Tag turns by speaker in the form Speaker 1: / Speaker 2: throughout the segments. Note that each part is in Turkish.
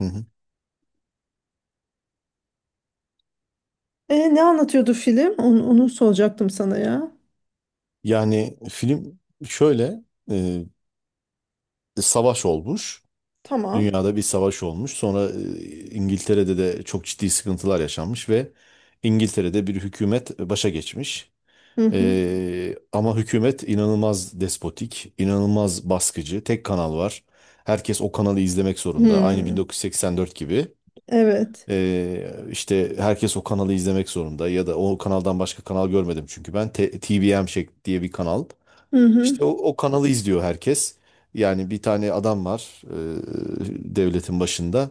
Speaker 1: Hı hı.
Speaker 2: Ne anlatıyordu film? Onu soracaktım sana ya.
Speaker 1: Yani film şöyle e, savaş olmuş.
Speaker 2: Tamam.
Speaker 1: Dünyada bir savaş olmuş. Sonra İngiltere'de de çok ciddi sıkıntılar yaşanmış ve İngiltere'de bir hükümet başa geçmiş.
Speaker 2: Hı hı.
Speaker 1: Ama hükümet inanılmaz despotik, inanılmaz baskıcı. Tek kanal var. Herkes o kanalı izlemek zorunda. Aynı
Speaker 2: Hmm,
Speaker 1: 1984 gibi.
Speaker 2: evet.
Speaker 1: İşte herkes o kanalı izlemek zorunda ya da o kanaldan başka kanal görmedim çünkü ben TVM şek diye bir kanal.
Speaker 2: Hı hı.
Speaker 1: İşte o kanalı izliyor herkes. Yani bir tane adam var devletin başında.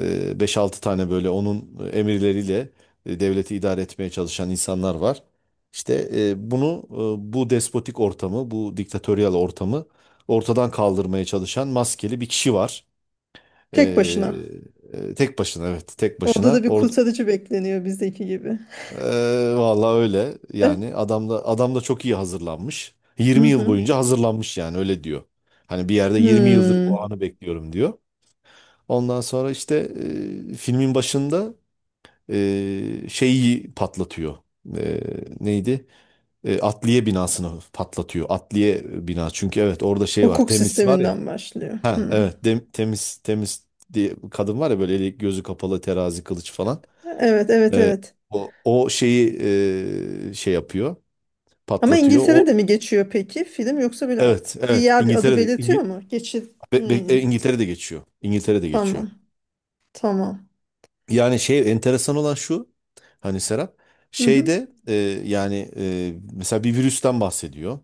Speaker 1: 5-6 tane böyle onun emirleriyle devleti idare etmeye çalışan insanlar var. İşte bunu bu despotik ortamı, bu diktatöryal ortamı ortadan kaldırmaya çalışan maskeli bir kişi var.
Speaker 2: Tek
Speaker 1: E,
Speaker 2: başına.
Speaker 1: Tek başına, evet, tek
Speaker 2: Orada da
Speaker 1: başına.
Speaker 2: bir kurtarıcı bekleniyor bizdeki gibi.
Speaker 1: Vallahi öyle. Yani adam da çok iyi hazırlanmış.
Speaker 2: Hı
Speaker 1: 20 yıl
Speaker 2: hı.
Speaker 1: boyunca hazırlanmış yani, öyle diyor. Hani bir yerde 20 yıldır bu
Speaker 2: Hmm.
Speaker 1: anı bekliyorum diyor. Ondan sonra işte filmin başında şeyi patlatıyor. E, Neydi? Atliye binasını patlatıyor. Atliye bina. Çünkü evet orada şey var.
Speaker 2: Hukuk
Speaker 1: Temiz var ya.
Speaker 2: sisteminden başlıyor.
Speaker 1: Ha
Speaker 2: Hmm.
Speaker 1: evet, temiz diye bir kadın var ya, böyle eli gözü kapalı, terazi, kılıç falan.
Speaker 2: Evet, evet,
Speaker 1: E,
Speaker 2: evet.
Speaker 1: o şeyi şey yapıyor,
Speaker 2: Ama
Speaker 1: patlatıyor. O,
Speaker 2: İngiltere'de mi geçiyor peki film, yoksa böyle
Speaker 1: evet,
Speaker 2: bir
Speaker 1: evet,
Speaker 2: yer adı
Speaker 1: İngiltere'de
Speaker 2: belirtiyor
Speaker 1: İngi,
Speaker 2: mu? Geçit.
Speaker 1: be- be-
Speaker 2: Hmm.
Speaker 1: e, İngiltere'de geçiyor. İngiltere'de geçiyor.
Speaker 2: Tamam. Tamam.
Speaker 1: Yani şey, enteresan olan şu, hani Serap
Speaker 2: Hı hı.
Speaker 1: şeyde yani mesela bir virüsten bahsediyor.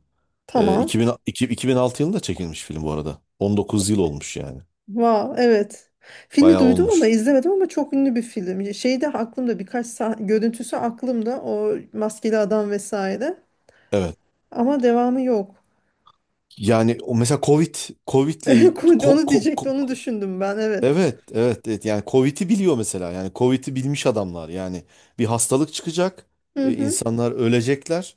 Speaker 1: E,
Speaker 2: Tamam.
Speaker 1: 2000, iki- 2006 yılında çekilmiş film bu arada. 19 yıl olmuş yani.
Speaker 2: Wow, evet. Filmi
Speaker 1: Bayağı
Speaker 2: duydum ama
Speaker 1: olmuş.
Speaker 2: izlemedim, ama çok ünlü bir film. Şeyde aklımda birkaç görüntüsü aklımda, o maskeli adam vesaire.
Speaker 1: Evet.
Speaker 2: Ama devamı yok.
Speaker 1: Yani o mesela Covid Covid'le il- ko,
Speaker 2: Onu
Speaker 1: ko-
Speaker 2: diyecekti,
Speaker 1: ko-
Speaker 2: onu düşündüm ben. Evet.
Speaker 1: Evet, evet, evet. Yani Covid'i biliyor mesela. Yani Covid'i bilmiş adamlar. Yani bir hastalık çıkacak,
Speaker 2: Hı hı.
Speaker 1: insanlar ölecekler,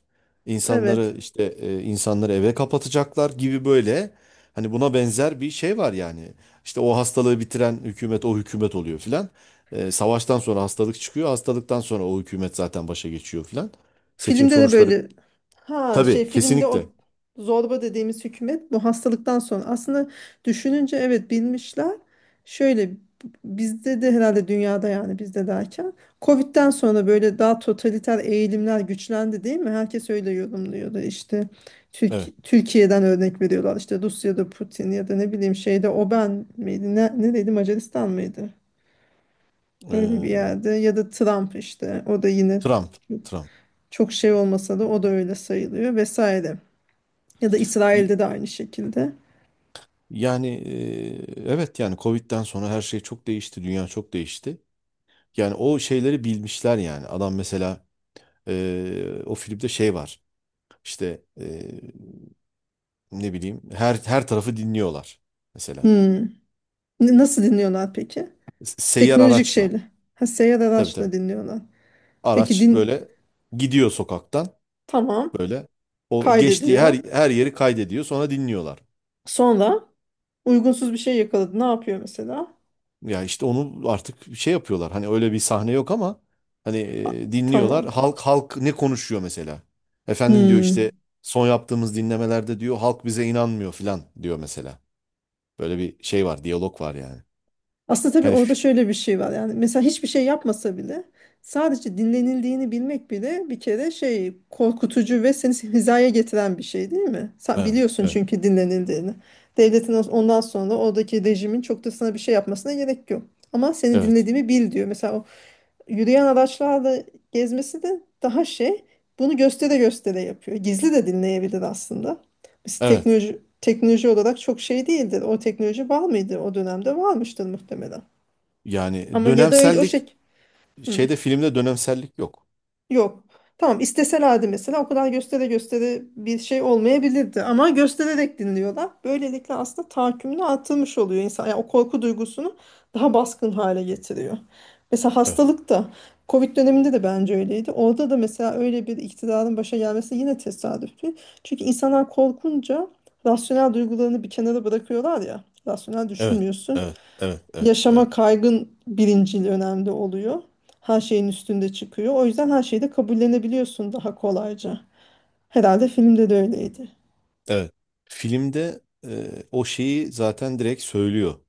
Speaker 2: Evet.
Speaker 1: insanları eve kapatacaklar gibi böyle. Hani buna benzer bir şey var yani. İşte o hastalığı bitiren hükümet, o hükümet oluyor filan. Savaştan sonra hastalık çıkıyor, hastalıktan sonra o hükümet zaten başa geçiyor filan. Seçim
Speaker 2: Filmde de
Speaker 1: sonuçları,
Speaker 2: böyle, ha şey,
Speaker 1: tabii,
Speaker 2: filmde o
Speaker 1: kesinlikle.
Speaker 2: zorba dediğimiz hükümet bu hastalıktan sonra aslında, düşününce evet, bilmişler. Şöyle, bizde de herhalde, dünyada yani, bizde derken Covid'den sonra böyle daha totaliter eğilimler güçlendi değil mi? Herkes öyle yorumluyordu işte,
Speaker 1: Evet.
Speaker 2: Türkiye'den örnek veriyorlar işte, Rusya'da Putin ya da ne bileyim, şeyde Oban miydi ne, nereydi, Macaristan mıydı? Öyle bir
Speaker 1: E,
Speaker 2: yerde, ya da Trump işte, o da yine
Speaker 1: Trump, Trump.
Speaker 2: çok şey olmasa da o da öyle sayılıyor vesaire. Ya da İsrail'de de aynı şekilde.
Speaker 1: Yani evet, yani Covid'den sonra her şey çok değişti. Dünya çok değişti. Yani o şeyleri bilmişler yani. Adam mesela o filmde şey var. İşte ne bileyim, her tarafı dinliyorlar mesela.
Speaker 2: Hmm. Nasıl dinliyorlar peki?
Speaker 1: Seyyar
Speaker 2: Teknolojik
Speaker 1: araçla.
Speaker 2: şeyle. Ha, seyyar
Speaker 1: Tabii, tabii.
Speaker 2: araçla dinliyorlar. Peki
Speaker 1: Araç
Speaker 2: din,
Speaker 1: böyle gidiyor sokaktan,
Speaker 2: tamam,
Speaker 1: böyle o geçtiği her
Speaker 2: kaydediyor.
Speaker 1: her yeri kaydediyor, sonra dinliyorlar.
Speaker 2: Sonra uygunsuz bir şey yakaladı, ne yapıyor mesela?
Speaker 1: Ya işte onu artık şey yapıyorlar. Hani öyle bir sahne yok ama hani
Speaker 2: A-
Speaker 1: dinliyorlar.
Speaker 2: Tamam.
Speaker 1: Halk ne konuşuyor mesela? Efendim, diyor işte,
Speaker 2: Hmm.
Speaker 1: son yaptığımız dinlemelerde diyor halk bize inanmıyor filan diyor mesela. Böyle bir şey var, diyalog var yani.
Speaker 2: Aslında tabii
Speaker 1: Yani,
Speaker 2: orada şöyle bir şey var yani, mesela hiçbir şey yapmasa bile sadece dinlenildiğini bilmek bile bir kere şey, korkutucu ve seni hizaya getiren bir şey değil mi? Sen
Speaker 1: evet,
Speaker 2: biliyorsun
Speaker 1: evet,
Speaker 2: çünkü dinlenildiğini. Devletin ondan sonra oradaki rejimin çok da sana bir şey yapmasına gerek yok. Ama seni
Speaker 1: evet.
Speaker 2: dinlediğimi bil diyor. Mesela o yürüyen araçlarla gezmesi de daha şey, bunu göstere göstere yapıyor. Gizli de dinleyebilir aslında. Biz
Speaker 1: Evet.
Speaker 2: teknoloji olarak çok şey değildir. O teknoloji var mıydı o dönemde? Varmıştır muhtemelen.
Speaker 1: Yani
Speaker 2: Ama ya da öyle o
Speaker 1: dönemsellik,
Speaker 2: şey. Hı,
Speaker 1: şeyde, filmde dönemsellik yok.
Speaker 2: yok. Tamam, isteselerdi mesela o kadar göstere göstere bir şey olmayabilirdi. Ama göstererek dinliyorlar. Böylelikle aslında tahakkümünü artırmış oluyor insan. Yani o korku duygusunu daha baskın hale getiriyor. Mesela
Speaker 1: Evet,
Speaker 2: hastalık da, Covid döneminde de bence öyleydi. Orada da mesela öyle bir iktidarın başa gelmesi yine tesadüf değil. Çünkü insanlar korkunca rasyonel duygularını bir kenara bırakıyorlar ya. Rasyonel
Speaker 1: evet,
Speaker 2: düşünmüyorsun,
Speaker 1: evet, evet, evet,
Speaker 2: yaşama
Speaker 1: evet,
Speaker 2: kaygın birincil önemli oluyor. Her şeyin üstünde çıkıyor. O yüzden her şeyi de kabullenebiliyorsun daha kolayca. Herhalde filmde de öyleydi.
Speaker 1: evet. Filmde o şeyi zaten direkt söylüyor.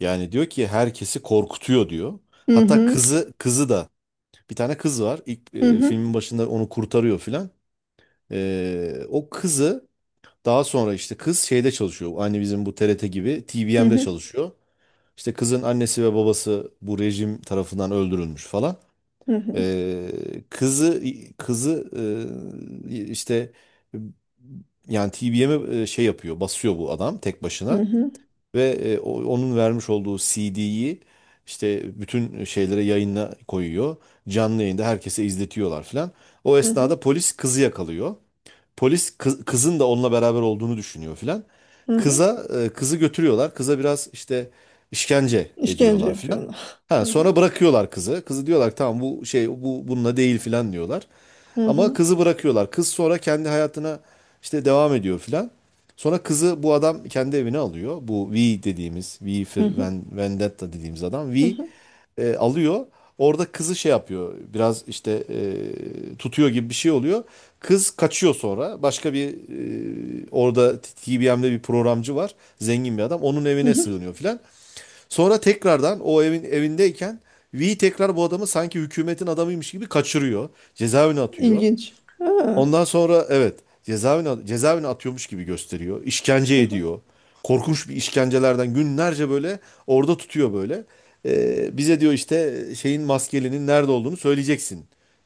Speaker 1: Yani diyor ki herkesi korkutuyor diyor.
Speaker 2: Hı
Speaker 1: Hatta
Speaker 2: hı.
Speaker 1: kızı da, bir tane kız var. İlk
Speaker 2: Hı hı.
Speaker 1: filmin başında onu kurtarıyor filan. O kızı daha sonra, işte kız şeyde çalışıyor. Aynı bizim bu TRT gibi
Speaker 2: Hı
Speaker 1: TVM'de
Speaker 2: hı.
Speaker 1: çalışıyor. İşte kızın annesi ve babası bu rejim tarafından öldürülmüş falan.
Speaker 2: Hı hı.
Speaker 1: E, kızı kızı işte, yani TVM'e şey yapıyor, basıyor bu adam tek
Speaker 2: Hı
Speaker 1: başına.
Speaker 2: hı.
Speaker 1: Ve onun vermiş olduğu CD'yi işte bütün şeylere, yayına koyuyor. Canlı yayında herkese izletiyorlar filan. O
Speaker 2: Hı hı.
Speaker 1: esnada polis kızı yakalıyor. Polis kızın da onunla beraber olduğunu düşünüyor filan.
Speaker 2: Hı hı.
Speaker 1: Kızı götürüyorlar. Kıza biraz işte işkence
Speaker 2: İşkence
Speaker 1: ediyorlar filan.
Speaker 2: yapıyorlar.
Speaker 1: Ha,
Speaker 2: Hı hı.
Speaker 1: sonra bırakıyorlar kızı. Kızı, diyorlar, tamam bu şey, bu bununla değil filan diyorlar.
Speaker 2: Hı
Speaker 1: Ama
Speaker 2: hı.
Speaker 1: kızı bırakıyorlar. Kız sonra kendi hayatına işte devam ediyor filan. Sonra kızı bu adam kendi evine alıyor. Bu V dediğimiz, V for
Speaker 2: Hı hı.
Speaker 1: Vendetta dediğimiz adam.
Speaker 2: Hı
Speaker 1: V
Speaker 2: hı.
Speaker 1: alıyor. Orada kızı şey yapıyor. Biraz işte tutuyor gibi bir şey oluyor. Kız kaçıyor sonra. Orada TBM'de bir programcı var. Zengin bir adam. Onun
Speaker 2: Hı
Speaker 1: evine
Speaker 2: hı.
Speaker 1: sığınıyor filan. Sonra tekrardan o evindeyken V tekrar bu adamı sanki hükümetin adamıymış gibi kaçırıyor. Cezaevine atıyor.
Speaker 2: İlginç. Ha.
Speaker 1: Ondan sonra, evet, cezaevine atıyormuş gibi gösteriyor. İşkence
Speaker 2: Hı hı.
Speaker 1: ediyor. Korkunç bir işkencelerden günlerce böyle orada tutuyor böyle. Bize diyor işte şeyin, maskelinin nerede olduğunu söyleyeceksin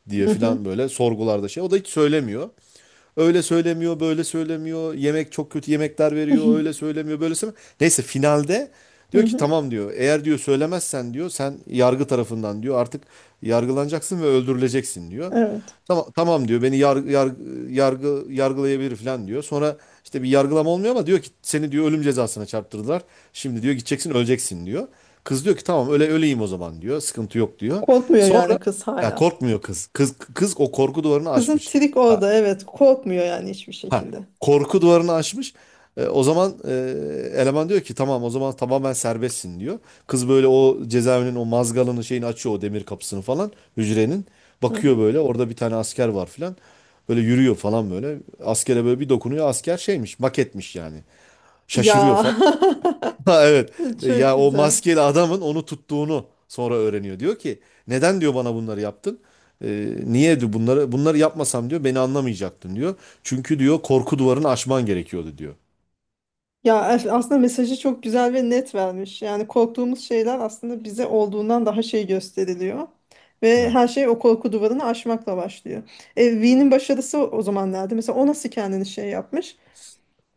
Speaker 1: diye
Speaker 2: Hı hı.
Speaker 1: filan, böyle sorgularda şey. O da hiç söylemiyor. Öyle söylemiyor, böyle söylemiyor. Yemek, çok kötü yemekler
Speaker 2: Hı
Speaker 1: veriyor.
Speaker 2: hı.
Speaker 1: Öyle söylemiyor, böyle söylemiyor. Neyse finalde
Speaker 2: Hı
Speaker 1: diyor ki
Speaker 2: hı.
Speaker 1: tamam diyor. Eğer, diyor, söylemezsen diyor, sen yargı tarafından, diyor, artık yargılanacaksın ve öldürüleceksin diyor.
Speaker 2: Evet.
Speaker 1: Tamam, tamam diyor, beni yargılayabilir falan diyor. Sonra işte bir yargılama olmuyor ama diyor ki seni, diyor, ölüm cezasına çarptırdılar. Şimdi, diyor, gideceksin öleceksin diyor. Kız diyor ki tamam, öyle öleyim o zaman diyor. Sıkıntı yok diyor.
Speaker 2: Korkmuyor yani
Speaker 1: Sonra,
Speaker 2: kız
Speaker 1: ya,
Speaker 2: hala.
Speaker 1: korkmuyor kız. Kız o korku duvarını
Speaker 2: Kızın
Speaker 1: aşmış.
Speaker 2: trik orada, evet korkmuyor yani hiçbir
Speaker 1: Ha,
Speaker 2: şekilde.
Speaker 1: korku duvarını açmış. O zaman eleman diyor ki tamam, o zaman tamamen serbestsin diyor. Kız böyle o cezaevinin o mazgalını, şeyini açıyor, o demir kapısını falan, hücrenin.
Speaker 2: Hı
Speaker 1: Bakıyor,
Speaker 2: hı.
Speaker 1: böyle orada bir tane asker var falan. Böyle yürüyor falan böyle. Askere böyle bir dokunuyor, asker şeymiş, maketmiş yani. Şaşırıyor
Speaker 2: Ya
Speaker 1: falan. Ha, evet.
Speaker 2: çok
Speaker 1: Ya o
Speaker 2: güzel.
Speaker 1: maskeli adamın onu tuttuğunu sonra öğreniyor. Diyor ki, neden, diyor, bana bunları yaptın? Niye, diyor, bunları yapmasam, diyor, beni anlamayacaktın diyor. Çünkü, diyor, korku duvarını aşman gerekiyordu diyor.
Speaker 2: Ya aslında mesajı çok güzel ve net vermiş. Yani korktuğumuz şeyler aslında bize olduğundan daha şey gösteriliyor. Ve
Speaker 1: Evet.
Speaker 2: her şey o korku duvarını aşmakla başlıyor. E, V'nin başarısı o zaman nerede? Mesela o nasıl kendini şey yapmış?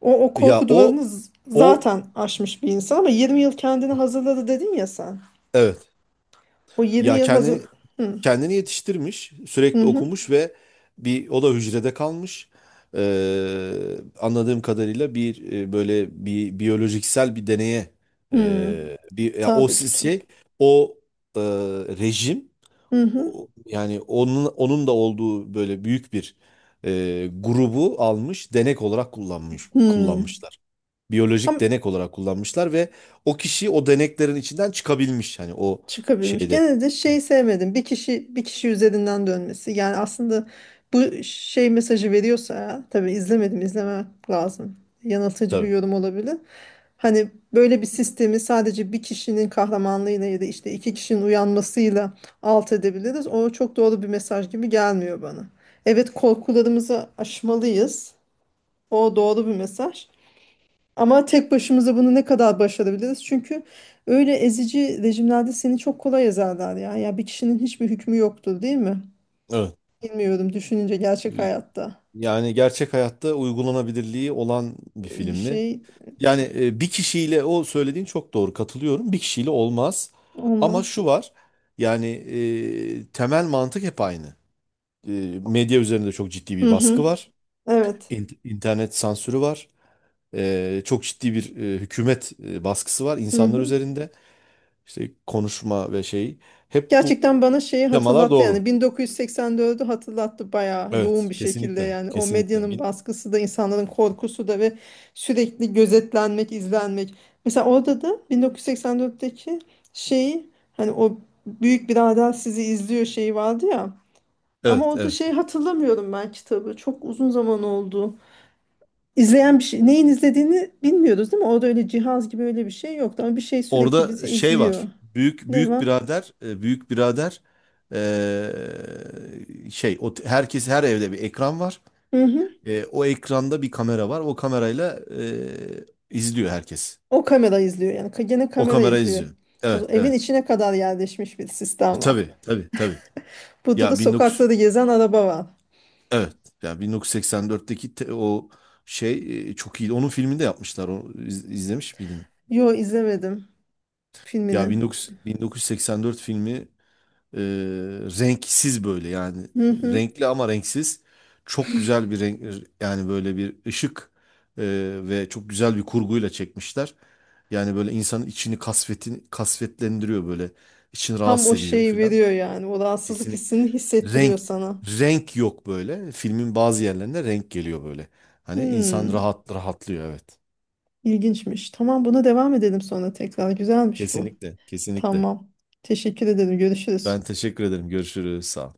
Speaker 2: O, o
Speaker 1: Ya
Speaker 2: korku
Speaker 1: o
Speaker 2: duvarını
Speaker 1: o
Speaker 2: zaten aşmış bir insan, ama 20 yıl kendini hazırladı dedin ya sen.
Speaker 1: evet.
Speaker 2: O 20
Speaker 1: Ya
Speaker 2: yıl hazır...
Speaker 1: kendini
Speaker 2: Hı hı.
Speaker 1: kendini yetiştirmiş, sürekli
Speaker 2: Hı.
Speaker 1: okumuş ve bir o da hücrede kalmış. Anladığım kadarıyla bir böyle bir biyolojiksel bir deneye
Speaker 2: Hı.
Speaker 1: e, bir ya o
Speaker 2: Tabi
Speaker 1: si-
Speaker 2: tutun.
Speaker 1: şey o e, rejim
Speaker 2: Hı hı.
Speaker 1: yani onun da olduğu böyle büyük bir grubu almış, denek olarak
Speaker 2: Hı.
Speaker 1: kullanmışlar.
Speaker 2: Ama.
Speaker 1: Biyolojik denek olarak kullanmışlar ve o kişi o deneklerin içinden çıkabilmiş, hani o
Speaker 2: Çıkabilmiş.
Speaker 1: şeyde,
Speaker 2: Gene de şeyi sevmedim. Bir kişi, bir kişi üzerinden dönmesi. Yani aslında bu şey mesajı veriyorsa ya, tabii izlemedim, izleme lazım. Yanıltıcı bir
Speaker 1: tabii.
Speaker 2: yorum olabilir. Hani böyle bir sistemi sadece bir kişinin kahramanlığıyla ya da işte iki kişinin uyanmasıyla alt edebiliriz. O çok doğru bir mesaj gibi gelmiyor bana. Evet, korkularımızı aşmalıyız. O doğru bir mesaj. Ama tek başımıza bunu ne kadar başarabiliriz? Çünkü öyle ezici rejimlerde seni çok kolay ezerler ya. Ya bir kişinin hiçbir hükmü yoktur değil mi?
Speaker 1: Evet.
Speaker 2: Bilmiyorum, düşününce gerçek hayatta
Speaker 1: Yani gerçek hayatta uygulanabilirliği olan bir
Speaker 2: bir
Speaker 1: film mi?
Speaker 2: şey
Speaker 1: Yani bir kişiyle, o söylediğin çok doğru, katılıyorum. Bir kişiyle olmaz. Ama
Speaker 2: olmaz.
Speaker 1: şu var. Yani temel mantık hep aynı. Medya üzerinde çok ciddi bir
Speaker 2: Hı
Speaker 1: baskı
Speaker 2: hı.
Speaker 1: var.
Speaker 2: Evet.
Speaker 1: İnternet sansürü var. Çok ciddi bir hükümet baskısı var
Speaker 2: Hı
Speaker 1: insanlar
Speaker 2: hı.
Speaker 1: üzerinde. İşte konuşma ve şey. Hep bu
Speaker 2: Gerçekten bana şeyi
Speaker 1: yamalar
Speaker 2: hatırlattı, yani
Speaker 1: doğru.
Speaker 2: 1984'ü hatırlattı bayağı yoğun
Speaker 1: Evet,
Speaker 2: bir şekilde,
Speaker 1: kesinlikle.
Speaker 2: yani o
Speaker 1: Kesinlikle.
Speaker 2: medyanın baskısı da, insanların korkusu da ve sürekli gözetlenmek, izlenmek. Mesela orada da 1984'teki şeyi, hani o büyük birader sizi izliyor şeyi vardı ya, ama
Speaker 1: Evet,
Speaker 2: orada
Speaker 1: evet.
Speaker 2: şeyi hatırlamıyorum, ben kitabı çok uzun zaman oldu. İzleyen bir şey neyin izlediğini bilmiyoruz değil mi? Orada öyle cihaz gibi öyle bir şey yoktu, ama bir şey sürekli
Speaker 1: Orada
Speaker 2: bizi
Speaker 1: şey
Speaker 2: izliyor.
Speaker 1: var. Büyük
Speaker 2: Ne
Speaker 1: büyük
Speaker 2: var?
Speaker 1: birader, e, büyük birader e, şey, o, herkes, her evde bir ekran var.
Speaker 2: Hı hı.
Speaker 1: O ekranda bir kamera var. O kamerayla izliyor herkes.
Speaker 2: O kamera izliyor yani, gene
Speaker 1: O
Speaker 2: kamera
Speaker 1: kamera
Speaker 2: izliyor.
Speaker 1: izliyor.
Speaker 2: O
Speaker 1: Evet,
Speaker 2: zaman evin
Speaker 1: evet.
Speaker 2: içine kadar yerleşmiş bir sistem var.
Speaker 1: Tabii, tabii, tabii.
Speaker 2: Burada
Speaker 1: Ya
Speaker 2: da sokakları
Speaker 1: 19
Speaker 2: gezen araba var.
Speaker 1: Evet. Ya 1984'teki o şey çok iyiydi. Onun filmini de yapmışlar. Onu izlemiş miydin?
Speaker 2: Yo, izlemedim
Speaker 1: Ya
Speaker 2: filmini.
Speaker 1: 19 1984 filmi. Ee, Renksiz böyle, yani
Speaker 2: Hı hı.
Speaker 1: renkli ama renksiz, çok güzel bir renk, yani böyle bir ışık e, ve çok güzel bir kurguyla çekmişler. Yani böyle insanın içini kasvetlendiriyor, böyle içini
Speaker 2: Tam
Speaker 1: rahatsız
Speaker 2: o
Speaker 1: ediyor
Speaker 2: şeyi
Speaker 1: filan.
Speaker 2: veriyor yani. O rahatsızlık
Speaker 1: Kesinlikle
Speaker 2: hissini hissettiriyor
Speaker 1: renk
Speaker 2: sana.
Speaker 1: renk yok, böyle filmin bazı yerlerinde renk geliyor böyle. Hani insan
Speaker 2: Hmm,
Speaker 1: rahatlıyor, evet.
Speaker 2: ilginçmiş. Tamam, buna devam edelim sonra tekrar. Güzelmiş bu.
Speaker 1: Kesinlikle, kesinlikle.
Speaker 2: Tamam. Teşekkür ederim.
Speaker 1: Ben
Speaker 2: Görüşürüz.
Speaker 1: teşekkür ederim. Görüşürüz. Sağ ol.